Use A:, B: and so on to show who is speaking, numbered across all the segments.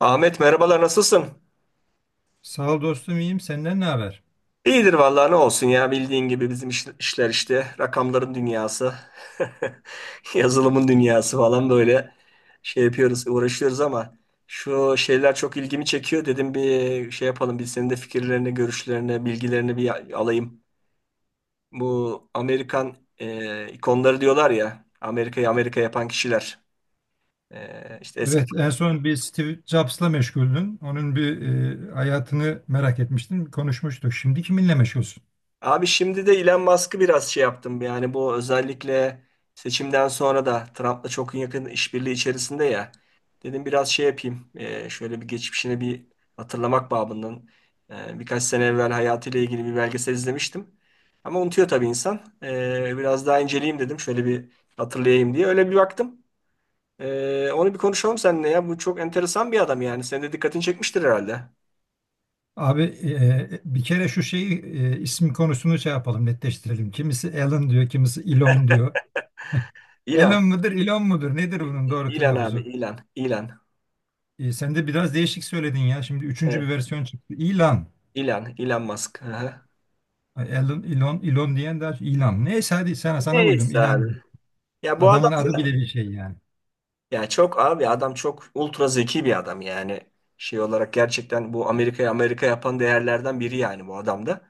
A: Ahmet, merhabalar, nasılsın?
B: Sağ ol dostum iyiyim. Senden ne haber?
A: İyidir vallahi, ne olsun ya, bildiğin gibi bizim işler işte rakamların dünyası, yazılımın dünyası falan, böyle şey yapıyoruz, uğraşıyoruz ama şu şeyler çok ilgimi çekiyor. Dedim bir şey yapalım, bir senin de fikirlerini, görüşlerini, bilgilerini bir alayım. Bu Amerikan ikonları diyorlar ya, Amerika'yı Amerika yapan kişiler. İşte
B: Evet, en son bir Steve Jobs'la meşguldün. Onun bir hayatını merak etmiştin. Konuşmuştuk. Şimdi kiminle meşgulsün?
A: Abi, şimdi de Elon Musk'ı biraz şey yaptım. Yani bu özellikle seçimden sonra da Trump'la çok yakın işbirliği içerisinde ya. Dedim biraz şey yapayım. Şöyle bir geçmişine bir hatırlamak babından. Birkaç sene evvel hayatıyla ilgili bir belgesel izlemiştim. Ama unutuyor tabii insan. Biraz daha inceleyeyim dedim. Şöyle bir hatırlayayım diye. Öyle bir baktım. Onu bir konuşalım seninle ya. Bu çok enteresan bir adam yani. Senin de dikkatini çekmiştir herhalde.
B: Abi bir kere şu şeyi isim konusunu şey yapalım, netleştirelim. Kimisi Elon diyor, kimisi Elon diyor.
A: Elon.
B: Elon mudur, Elon mudur? Nedir bunun doğru
A: Elon abi.
B: telaffuzu?
A: Elon. Elon.
B: E, sen de biraz değişik söyledin ya. Şimdi üçüncü
A: Evet.
B: bir versiyon çıktı. Elon.
A: Elon, Elon Musk. Hı hı.
B: Ay, Elon, Elon, Elon diyen daha Elon. Neyse hadi sana uydum.
A: Neyse.
B: Elon.
A: Ya bu adam,
B: Adamın adı bile bir şey yani.
A: ya çok abi, adam çok ultra zeki bir adam yani. Şey olarak gerçekten bu Amerika'yı Amerika yapan değerlerden biri yani, bu adam da.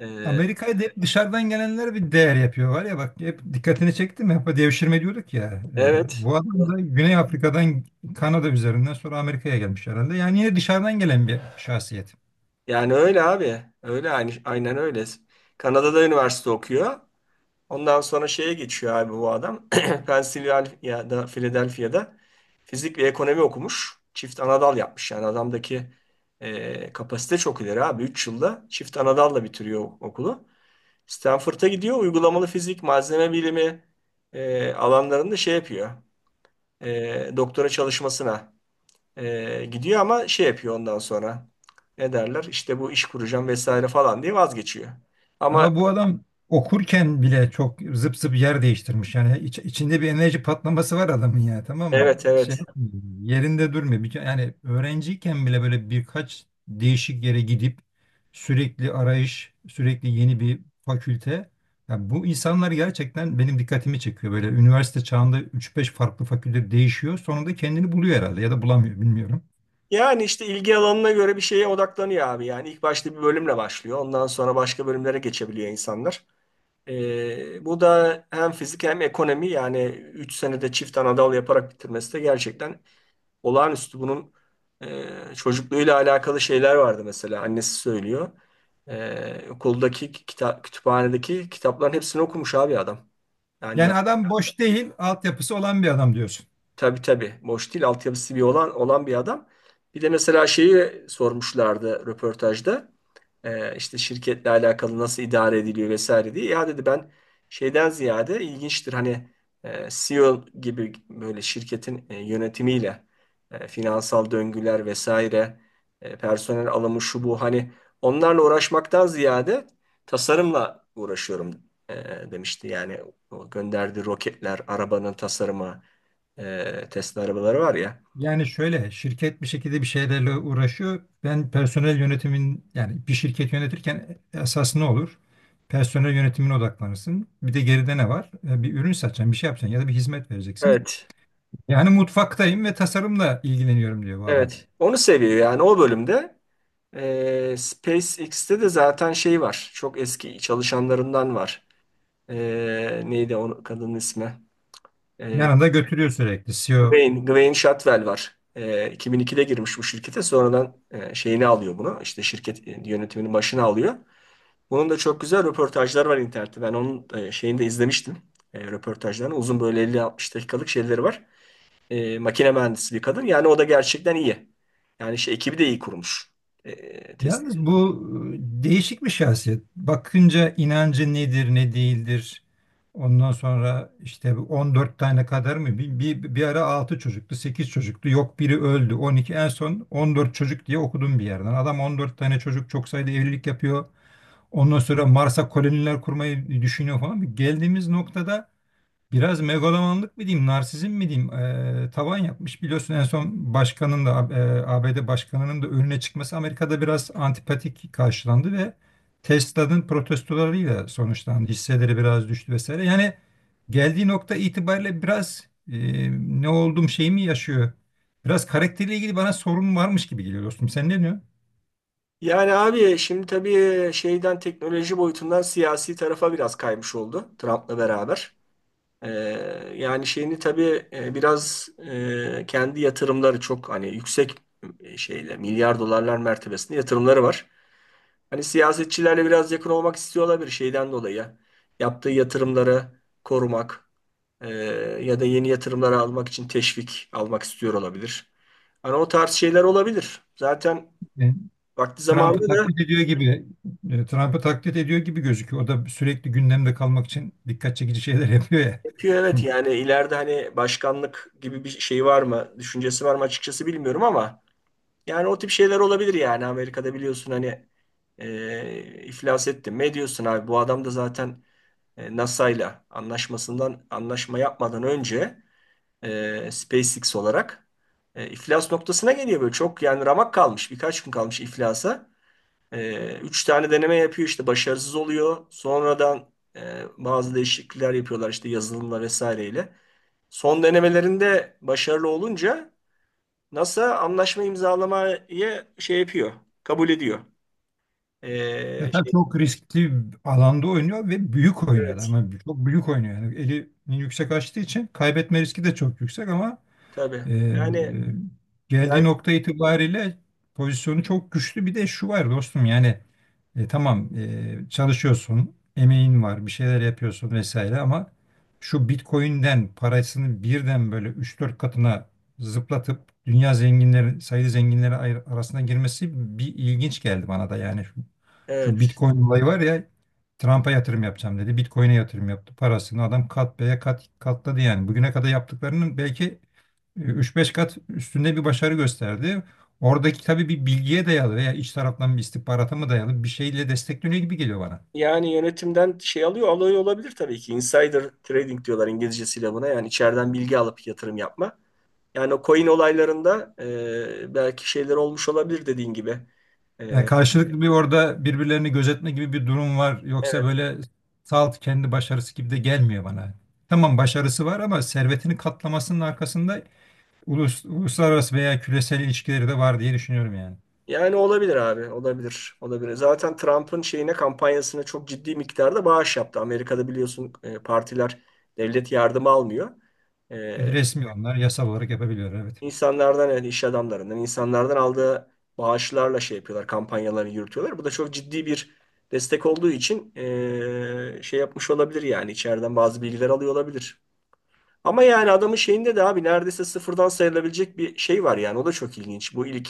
A: Ee,
B: Amerika'ya da hep dışarıdan gelenler bir değer yapıyor var ya bak hep dikkatini çekti mi? Hep devşirme diyorduk ya. E,
A: evet.
B: bu adam da Güney Afrika'dan Kanada üzerinden sonra Amerika'ya gelmiş herhalde. Yani yine dışarıdan gelen bir şahsiyet.
A: Yani öyle abi. Öyle aynı, aynen öyle. Kanada'da üniversite okuyor. Ondan sonra şeye geçiyor abi bu adam. Pennsylvania'da, Philadelphia'da fizik ve ekonomi okumuş. Çift anadal yapmış. Yani adamdaki kapasite çok ileri abi. 3 yılda çift anadalla bitiriyor okulu. Stanford'a gidiyor. Uygulamalı fizik, malzeme bilimi alanlarında şey yapıyor. Doktora çalışmasına gidiyor ama şey yapıyor ondan sonra. Ne derler? İşte bu iş kuracağım vesaire falan diye vazgeçiyor. Ama
B: Daha bu adam okurken bile çok zıp zıp yer değiştirmiş. Yani içinde bir enerji patlaması var adamın ya tamam mı?
A: evet,
B: Şey
A: evet.
B: yapmıyor, yerinde durmuyor. Yani öğrenciyken bile böyle birkaç değişik yere gidip sürekli arayış, sürekli yeni bir fakülte. Ya bu insanlar gerçekten benim dikkatimi çekiyor. Böyle üniversite çağında üç beş farklı fakülte değişiyor. Sonunda kendini buluyor herhalde ya da bulamıyor bilmiyorum.
A: Yani işte ilgi alanına göre bir şeye odaklanıyor abi. Yani ilk başta bir bölümle başlıyor. Ondan sonra başka bölümlere geçebiliyor insanlar. Bu da hem fizik hem ekonomi yani 3 senede çift anadal yaparak bitirmesi de gerçekten olağanüstü. Bunun e, çocukluğuyla alakalı şeyler vardı mesela. Annesi söylüyor. Okuldaki kütüphanedeki kitapların hepsini okumuş abi adam. Yani.
B: Yani adam boş değil, altyapısı olan bir adam diyorsun.
A: Tabii, tabii. Boş değil. Altyapısı bir olan bir adam. Bir de mesela şeyi sormuşlardı röportajda. İşte şirketle alakalı nasıl idare ediliyor vesaire diye. Ya dedi ben şeyden ziyade ilginçtir hani CEO gibi böyle şirketin yönetimiyle finansal döngüler vesaire personel alımı şu bu hani onlarla uğraşmaktan ziyade tasarımla uğraşıyorum e, demişti. Yani o gönderdiği roketler, arabanın tasarımı, Tesla arabaları var ya.
B: Yani şöyle şirket bir şekilde bir şeylerle uğraşıyor. Ben personel yönetimin yani bir şirket yönetirken esas ne olur? Personel yönetimine odaklanırsın. Bir de geride ne var? Bir ürün satacaksın, bir şey yapacaksın ya da bir hizmet vereceksin.
A: Evet,
B: Yani mutfaktayım ve tasarımla ilgileniyorum diyor bu adam.
A: evet. Onu seviyor yani, o bölümde. SpaceX'te de zaten şey var. Çok eski çalışanlarından var. E, Neydi o kadının ismi? E,
B: Yanında götürüyor sürekli. CEO.
A: Gwen Shotwell var. 2002'de girmiş bu şirkete. Sonradan şeyini alıyor bunu. İşte şirket yönetiminin başına alıyor. Bunun da çok güzel röportajları var internette. Ben onun şeyini de izlemiştim. Röportajlarını. Uzun, böyle 50-60 dakikalık şeyleri var. Makine mühendisi bir kadın. Yani o da gerçekten iyi. Yani şey, ekibi de iyi kurmuş. Test.
B: Yalnız bu değişik bir şahsiyet. Bakınca inancı nedir, ne değildir. Ondan sonra işte bu 14 tane kadar mı? Bir ara 6 çocuktu, 8 çocuktu. Yok biri öldü. 12 en son 14 çocuk diye okudum bir yerden. Adam 14 tane çocuk çok sayıda evlilik yapıyor. Ondan sonra Mars'a koloniler kurmayı düşünüyor falan. Geldiğimiz noktada biraz megalomanlık mı diyeyim, narsizm mi diyeyim, tavan yapmış. Biliyorsun en son başkanın da ABD başkanının da önüne çıkması Amerika'da biraz antipatik karşılandı ve Tesla'nın protestolarıyla sonuçlandı. Hisseleri biraz düştü vesaire. Yani geldiği nokta itibariyle biraz ne oldum şeyimi yaşıyor. Biraz karakteriyle ilgili bana sorun varmış gibi geliyor dostum. Sen ne diyorsun?
A: Yani abi, şimdi tabii şeyden, teknoloji boyutundan siyasi tarafa biraz kaymış oldu Trump'la beraber. E, Yani şeyini tabii biraz kendi yatırımları çok hani yüksek, şeyle milyar dolarlar mertebesinde yatırımları var. Hani siyasetçilerle biraz yakın olmak istiyor olabilir şeyden dolayı. Yaptığı yatırımları korumak e, ya da yeni yatırımları almak için teşvik almak istiyor olabilir. Hani o tarz şeyler olabilir. Zaten vakti
B: Trump'ı
A: zamanında da
B: taklit ediyor gibi Trump'ı taklit ediyor gibi gözüküyor. O da sürekli gündemde kalmak için dikkat çekici şeyler yapıyor ya.
A: yapıyor, evet. Yani ileride hani başkanlık gibi bir şey var mı, düşüncesi var mı açıkçası bilmiyorum, ama yani o tip şeyler olabilir. Yani Amerika'da biliyorsun hani iflas ettin. Ne diyorsun abi? Bu adam da zaten NASA ile anlaşma yapmadan önce SpaceX olarak iflas noktasına geliyor, böyle çok yani ramak kalmış, birkaç gün kalmış iflasa. Üç tane deneme yapıyor, işte başarısız oluyor. Sonradan bazı değişiklikler yapıyorlar, işte yazılımla vesaireyle. Son denemelerinde başarılı olunca NASA anlaşma imzalamayı şey yapıyor, kabul ediyor.
B: Ya tabii
A: Şey,
B: çok riskli bir alanda oynuyor ve büyük oynuyor da,
A: evet,
B: ama çok büyük oynuyor yani elini yüksek açtığı için kaybetme riski de çok yüksek ama
A: tabii.
B: Ee,
A: Yani
B: geldiği
A: belki,
B: nokta itibariyle pozisyonu çok güçlü. Bir de şu var dostum yani tamam çalışıyorsun, emeğin var, bir şeyler yapıyorsun vesaire ama şu Bitcoin'den parasını birden böyle üç dört katına zıplatıp dünya zenginleri, sayılı zenginleri arasına girmesi bir ilginç geldi bana da yani şu, şu
A: evet.
B: Bitcoin olayı var ya Trump'a yatırım yapacağım dedi. Bitcoin'e yatırım yaptı. Parasını adam kat beye kat katladı yani. Bugüne kadar yaptıklarının belki üç beş kat üstünde bir başarı gösterdi. Oradaki tabii bir bilgiye dayalı veya iç taraftan bir istihbarata mı dayalı bir şeyle destekleniyor gibi geliyor bana.
A: Yani yönetimden şey alıyor olabilir tabii ki. Insider trading diyorlar İngilizcesiyle buna. Yani içeriden bilgi alıp yatırım yapma. Yani o coin olaylarında belki şeyler olmuş olabilir, dediğin gibi.
B: Yani
A: E,
B: karşılıklı bir orada birbirlerini gözetme gibi bir durum var. Yoksa
A: evet.
B: böyle salt kendi başarısı gibi de gelmiyor bana. Tamam başarısı var ama servetini katlamasının arkasında uluslararası veya küresel ilişkileri de var diye düşünüyorum yani.
A: Yani olabilir abi, olabilir, olabilir. Zaten Trump'ın şeyine, kampanyasına çok ciddi miktarda bağış yaptı. Amerika'da biliyorsun partiler devlet yardımı almıyor. E,
B: Resmi onlar yasal olarak yapabiliyor evet.
A: insanlardan, yani iş adamlarından, insanlardan aldığı bağışlarla şey yapıyorlar, kampanyalarını yürütüyorlar. Bu da çok ciddi bir destek olduğu için şey yapmış olabilir, yani içeriden bazı bilgiler alıyor olabilir. Ama yani adamın şeyinde de abi neredeyse sıfırdan sayılabilecek bir şey var, yani o da çok ilginç. Bu ilk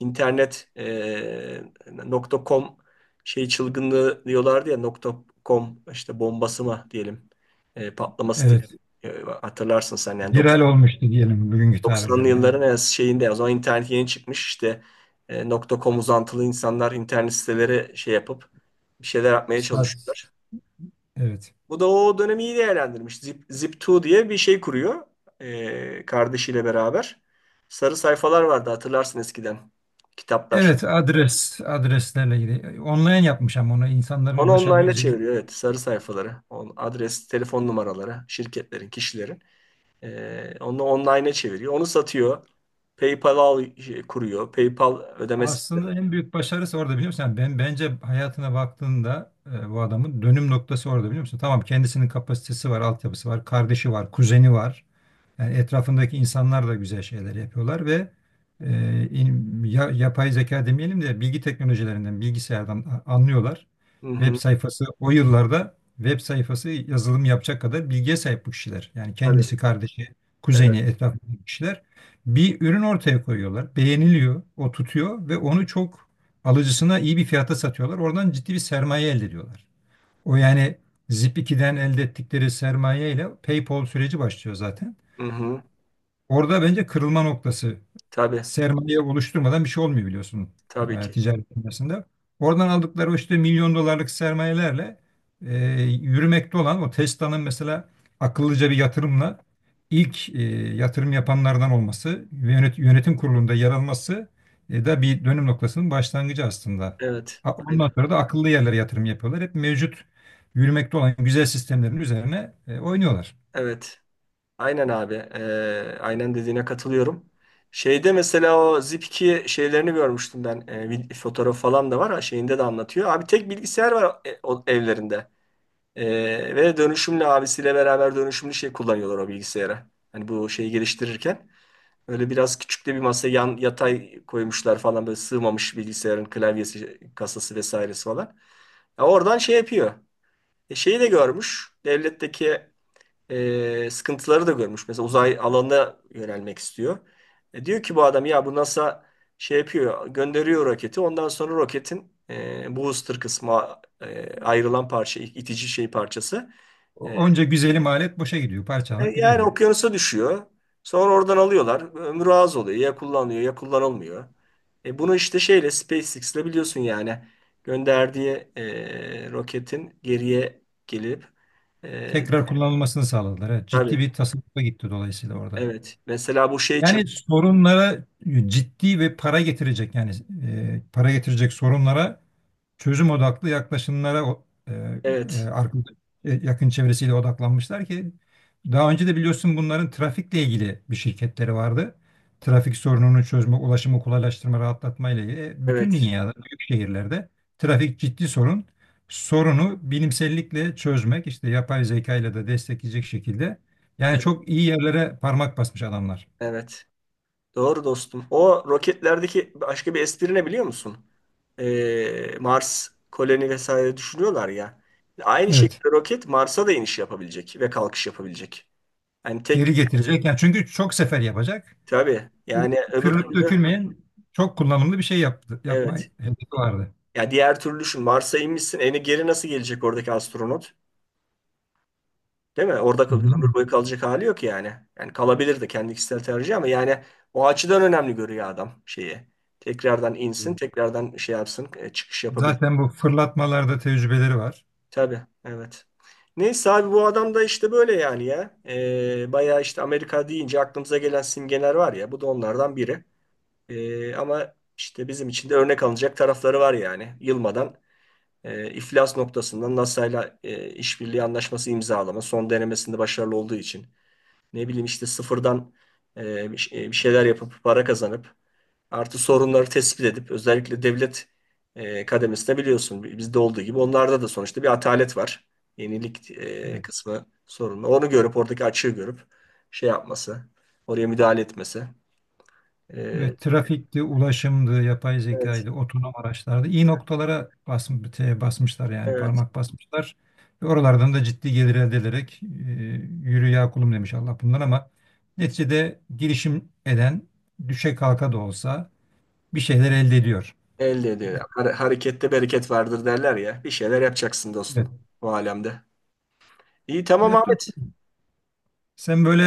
A: internet nokta .com şey çılgınlığı diyorlardı ya, nokta .com işte bombası mı diyelim, patlaması diye.
B: Evet.
A: Hatırlarsın sen yani
B: Viral olmuştu diyelim bugünkü
A: 90'lı
B: tabirlerle. Evet.
A: yılların en şeyinde, o zaman internet yeni çıkmış, işte nokta .com uzantılı insanlar internet siteleri şey yapıp bir şeyler yapmaya
B: Sat.
A: çalışıyorlar.
B: Evet.
A: Bu da o dönemi iyi değerlendirmiş. Zip2 diye bir şey kuruyor kardeşiyle beraber. Sarı sayfalar vardı, hatırlarsın eskiden, kitaplar.
B: Evet, adreslerle ilgili. Online yapmış ama ona insanların
A: Onu online'a
B: ulaşabileceği.
A: çeviriyor, evet, sarı sayfaları, adres, telefon numaraları, şirketlerin, kişilerin. Onu online'a çeviriyor. Onu satıyor. PayPal al, şey, kuruyor. PayPal ödeme sistemi.
B: Aslında en büyük başarısı orada biliyor musun? Yani ben bence hayatına baktığında bu adamın dönüm noktası orada biliyor musun? Tamam kendisinin kapasitesi var, altyapısı var, kardeşi var, kuzeni var. Yani etrafındaki insanlar da güzel şeyler yapıyorlar ve yapay zeka demeyelim de bilgi teknolojilerinden, bilgisayardan anlıyorlar.
A: Hı
B: Web
A: hı.
B: sayfası o yıllarda web sayfası yazılım yapacak kadar bilgiye sahip bu kişiler. Yani
A: Tabii.
B: kendisi, kardeşi, kuzeni,
A: Evet.
B: etrafındaki kişiler bir ürün ortaya koyuyorlar. Beğeniliyor, o tutuyor ve onu çok alıcısına iyi bir fiyata satıyorlar. Oradan ciddi bir sermaye elde ediyorlar. O yani Zip2'den elde ettikleri sermaye ile PayPal süreci başlıyor zaten.
A: Hı hı.
B: Orada bence kırılma noktası.
A: Tabii.
B: Sermaye oluşturmadan bir şey olmuyor biliyorsun
A: Tabii ki.
B: ticaret dünyasında. Oradan aldıkları o işte milyon dolarlık sermayelerle yürümekte olan o Tesla'nın mesela akıllıca bir yatırımla ilk yatırım yapanlardan olması ve yönetim kurulunda yer alması da bir dönüm noktasının başlangıcı aslında.
A: Evet.
B: Ondan
A: Aynen.
B: sonra da akıllı yerlere yatırım yapıyorlar. Hep mevcut yürümekte olan güzel sistemlerin üzerine oynuyorlar.
A: Evet. Aynen abi. Aynen dediğine katılıyorum. Şeyde mesela o Zip2 şeylerini görmüştüm ben. Fotoğraf falan da var. Ha, şeyinde de anlatıyor. Abi tek bilgisayar var o evlerinde. Ve dönüşümlü, abisiyle beraber dönüşümlü şey kullanıyorlar o bilgisayara. Hani bu şeyi geliştirirken. Öyle biraz küçük de bir masa yan yatay koymuşlar falan, böyle sığmamış bilgisayarın klavyesi, kasası vesairesi falan. Ya, oradan şey yapıyor. Şeyi de görmüş. Devletteki sıkıntıları da görmüş. Mesela uzay alanına yönelmek istiyor. Diyor ki bu adam, ya bu NASA şey yapıyor, gönderiyor roketi. Ondan sonra roketin booster kısmı, ayrılan parça, itici şey parçası. E,
B: Onca güzelim alet boşa gidiyor, parçalanıp
A: Yani
B: gidiyor.
A: okyanusa düşüyor. Sonra oradan alıyorlar. Ömrü az oluyor. Ya kullanılıyor, ya kullanılmıyor. Bunu işte şeyle, SpaceX'le, biliyorsun yani gönderdiği roketin geriye gelip e,
B: Tekrar kullanılmasını sağladılar. Evet,
A: tabii,
B: ciddi bir tasarrufa gitti dolayısıyla orada.
A: evet. Mesela bu şey için.
B: Yani sorunlara ciddi ve para getirecek yani para getirecek sorunlara çözüm odaklı yaklaşımlara e,
A: Evet,
B: arka- yakın çevresiyle odaklanmışlar ki daha önce de biliyorsun bunların trafikle ilgili bir şirketleri vardı. Trafik sorununu çözme, ulaşımı kolaylaştırma, rahatlatma ile ilgili. Bütün
A: evet,
B: dünyada, büyük şehirlerde trafik ciddi sorun. Sorunu bilimsellikle çözmek, işte yapay zeka ile de destekleyecek şekilde. Yani
A: evet,
B: çok iyi yerlere parmak basmış adamlar.
A: evet. Doğru dostum. O roketlerdeki başka bir espri ne, biliyor musun? Mars koloni vesaire düşünüyorlar ya. Aynı
B: Evet.
A: şekilde roket Mars'a da iniş yapabilecek ve kalkış yapabilecek. Yani tek,
B: Geri getirecek. Yani çünkü çok sefer yapacak.
A: tabii yani öbür
B: Yani
A: türlü,
B: dökülmeyen çok kullanımlı bir şey yaptı, yapma
A: evet.
B: hedefi vardı.
A: Ya, diğer türlü düşün, Mars'a inmişsin, eni geri nasıl gelecek oradaki astronot? Değil mi? Orada ömür boyu kalacak hali yok yani. Yani kalabilirdi, kendi kişisel tercih, ama yani o açıdan önemli görüyor adam şeyi. Tekrardan insin, tekrardan şey yapsın, çıkış yapabilir.
B: Zaten bu fırlatmalarda tecrübeleri var.
A: Tabii, evet. Neyse abi, bu adam da işte böyle yani ya. Bayağı işte, Amerika deyince aklımıza gelen simgeler var ya. Bu da onlardan biri. Ama işte bizim için de örnek alınacak tarafları var yani. Yılmadan iflas noktasında NASA'yla işbirliği anlaşması imzalama son denemesinde başarılı olduğu için. Ne bileyim, işte sıfırdan bir şeyler yapıp para kazanıp, artı sorunları tespit edip, özellikle devlet kademesinde biliyorsun bizde olduğu gibi onlarda da sonuçta bir atalet var. Yenilik
B: Evet.
A: kısmı sorunlu. Onu görüp, oradaki açığı görüp şey yapması, oraya müdahale etmesi. E,
B: Evet, trafikti, ulaşımdı, yapay
A: evet,
B: zekaydı, otonom araçlardı. İyi noktalara basmışlar yani
A: evet.
B: parmak basmışlar. Ve oralardan da ciddi gelir elde ederek yürü ya kulum demiş Allah bundan ama neticede girişim eden düşe kalka da olsa bir şeyler elde ediyor.
A: Elde ediyor. Harekette bereket vardır derler ya. Bir şeyler yapacaksın dostum,
B: Evet.
A: bu alemde. İyi, tamam
B: Evet,
A: Ahmet.
B: sen böyle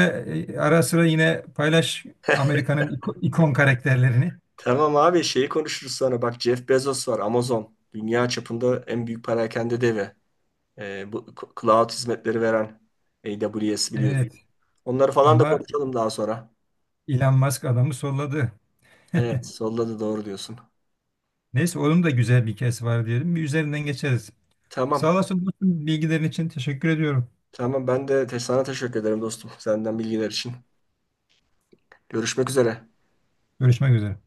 B: ara sıra yine paylaş Amerika'nın ikon karakterlerini.
A: Tamam abi, şeyi konuşuruz sonra. Bak, Jeff Bezos var, Amazon. Dünya çapında en büyük perakende devi. Bu cloud hizmetleri veren AWS, biliyorsun.
B: Evet
A: Onları falan da
B: ama
A: konuşalım daha sonra.
B: Elon Musk adamı solladı.
A: Evet, solda da doğru diyorsun.
B: Neyse onun da güzel bir hikayesi var diyelim. Bir üzerinden geçeriz. Sağ
A: Tamam.
B: olasın dostum, bilgilerin için teşekkür ediyorum.
A: Tamam, ben de sana teşekkür ederim dostum. Senden bilgiler için. Görüşmek üzere.
B: Görüşmek üzere.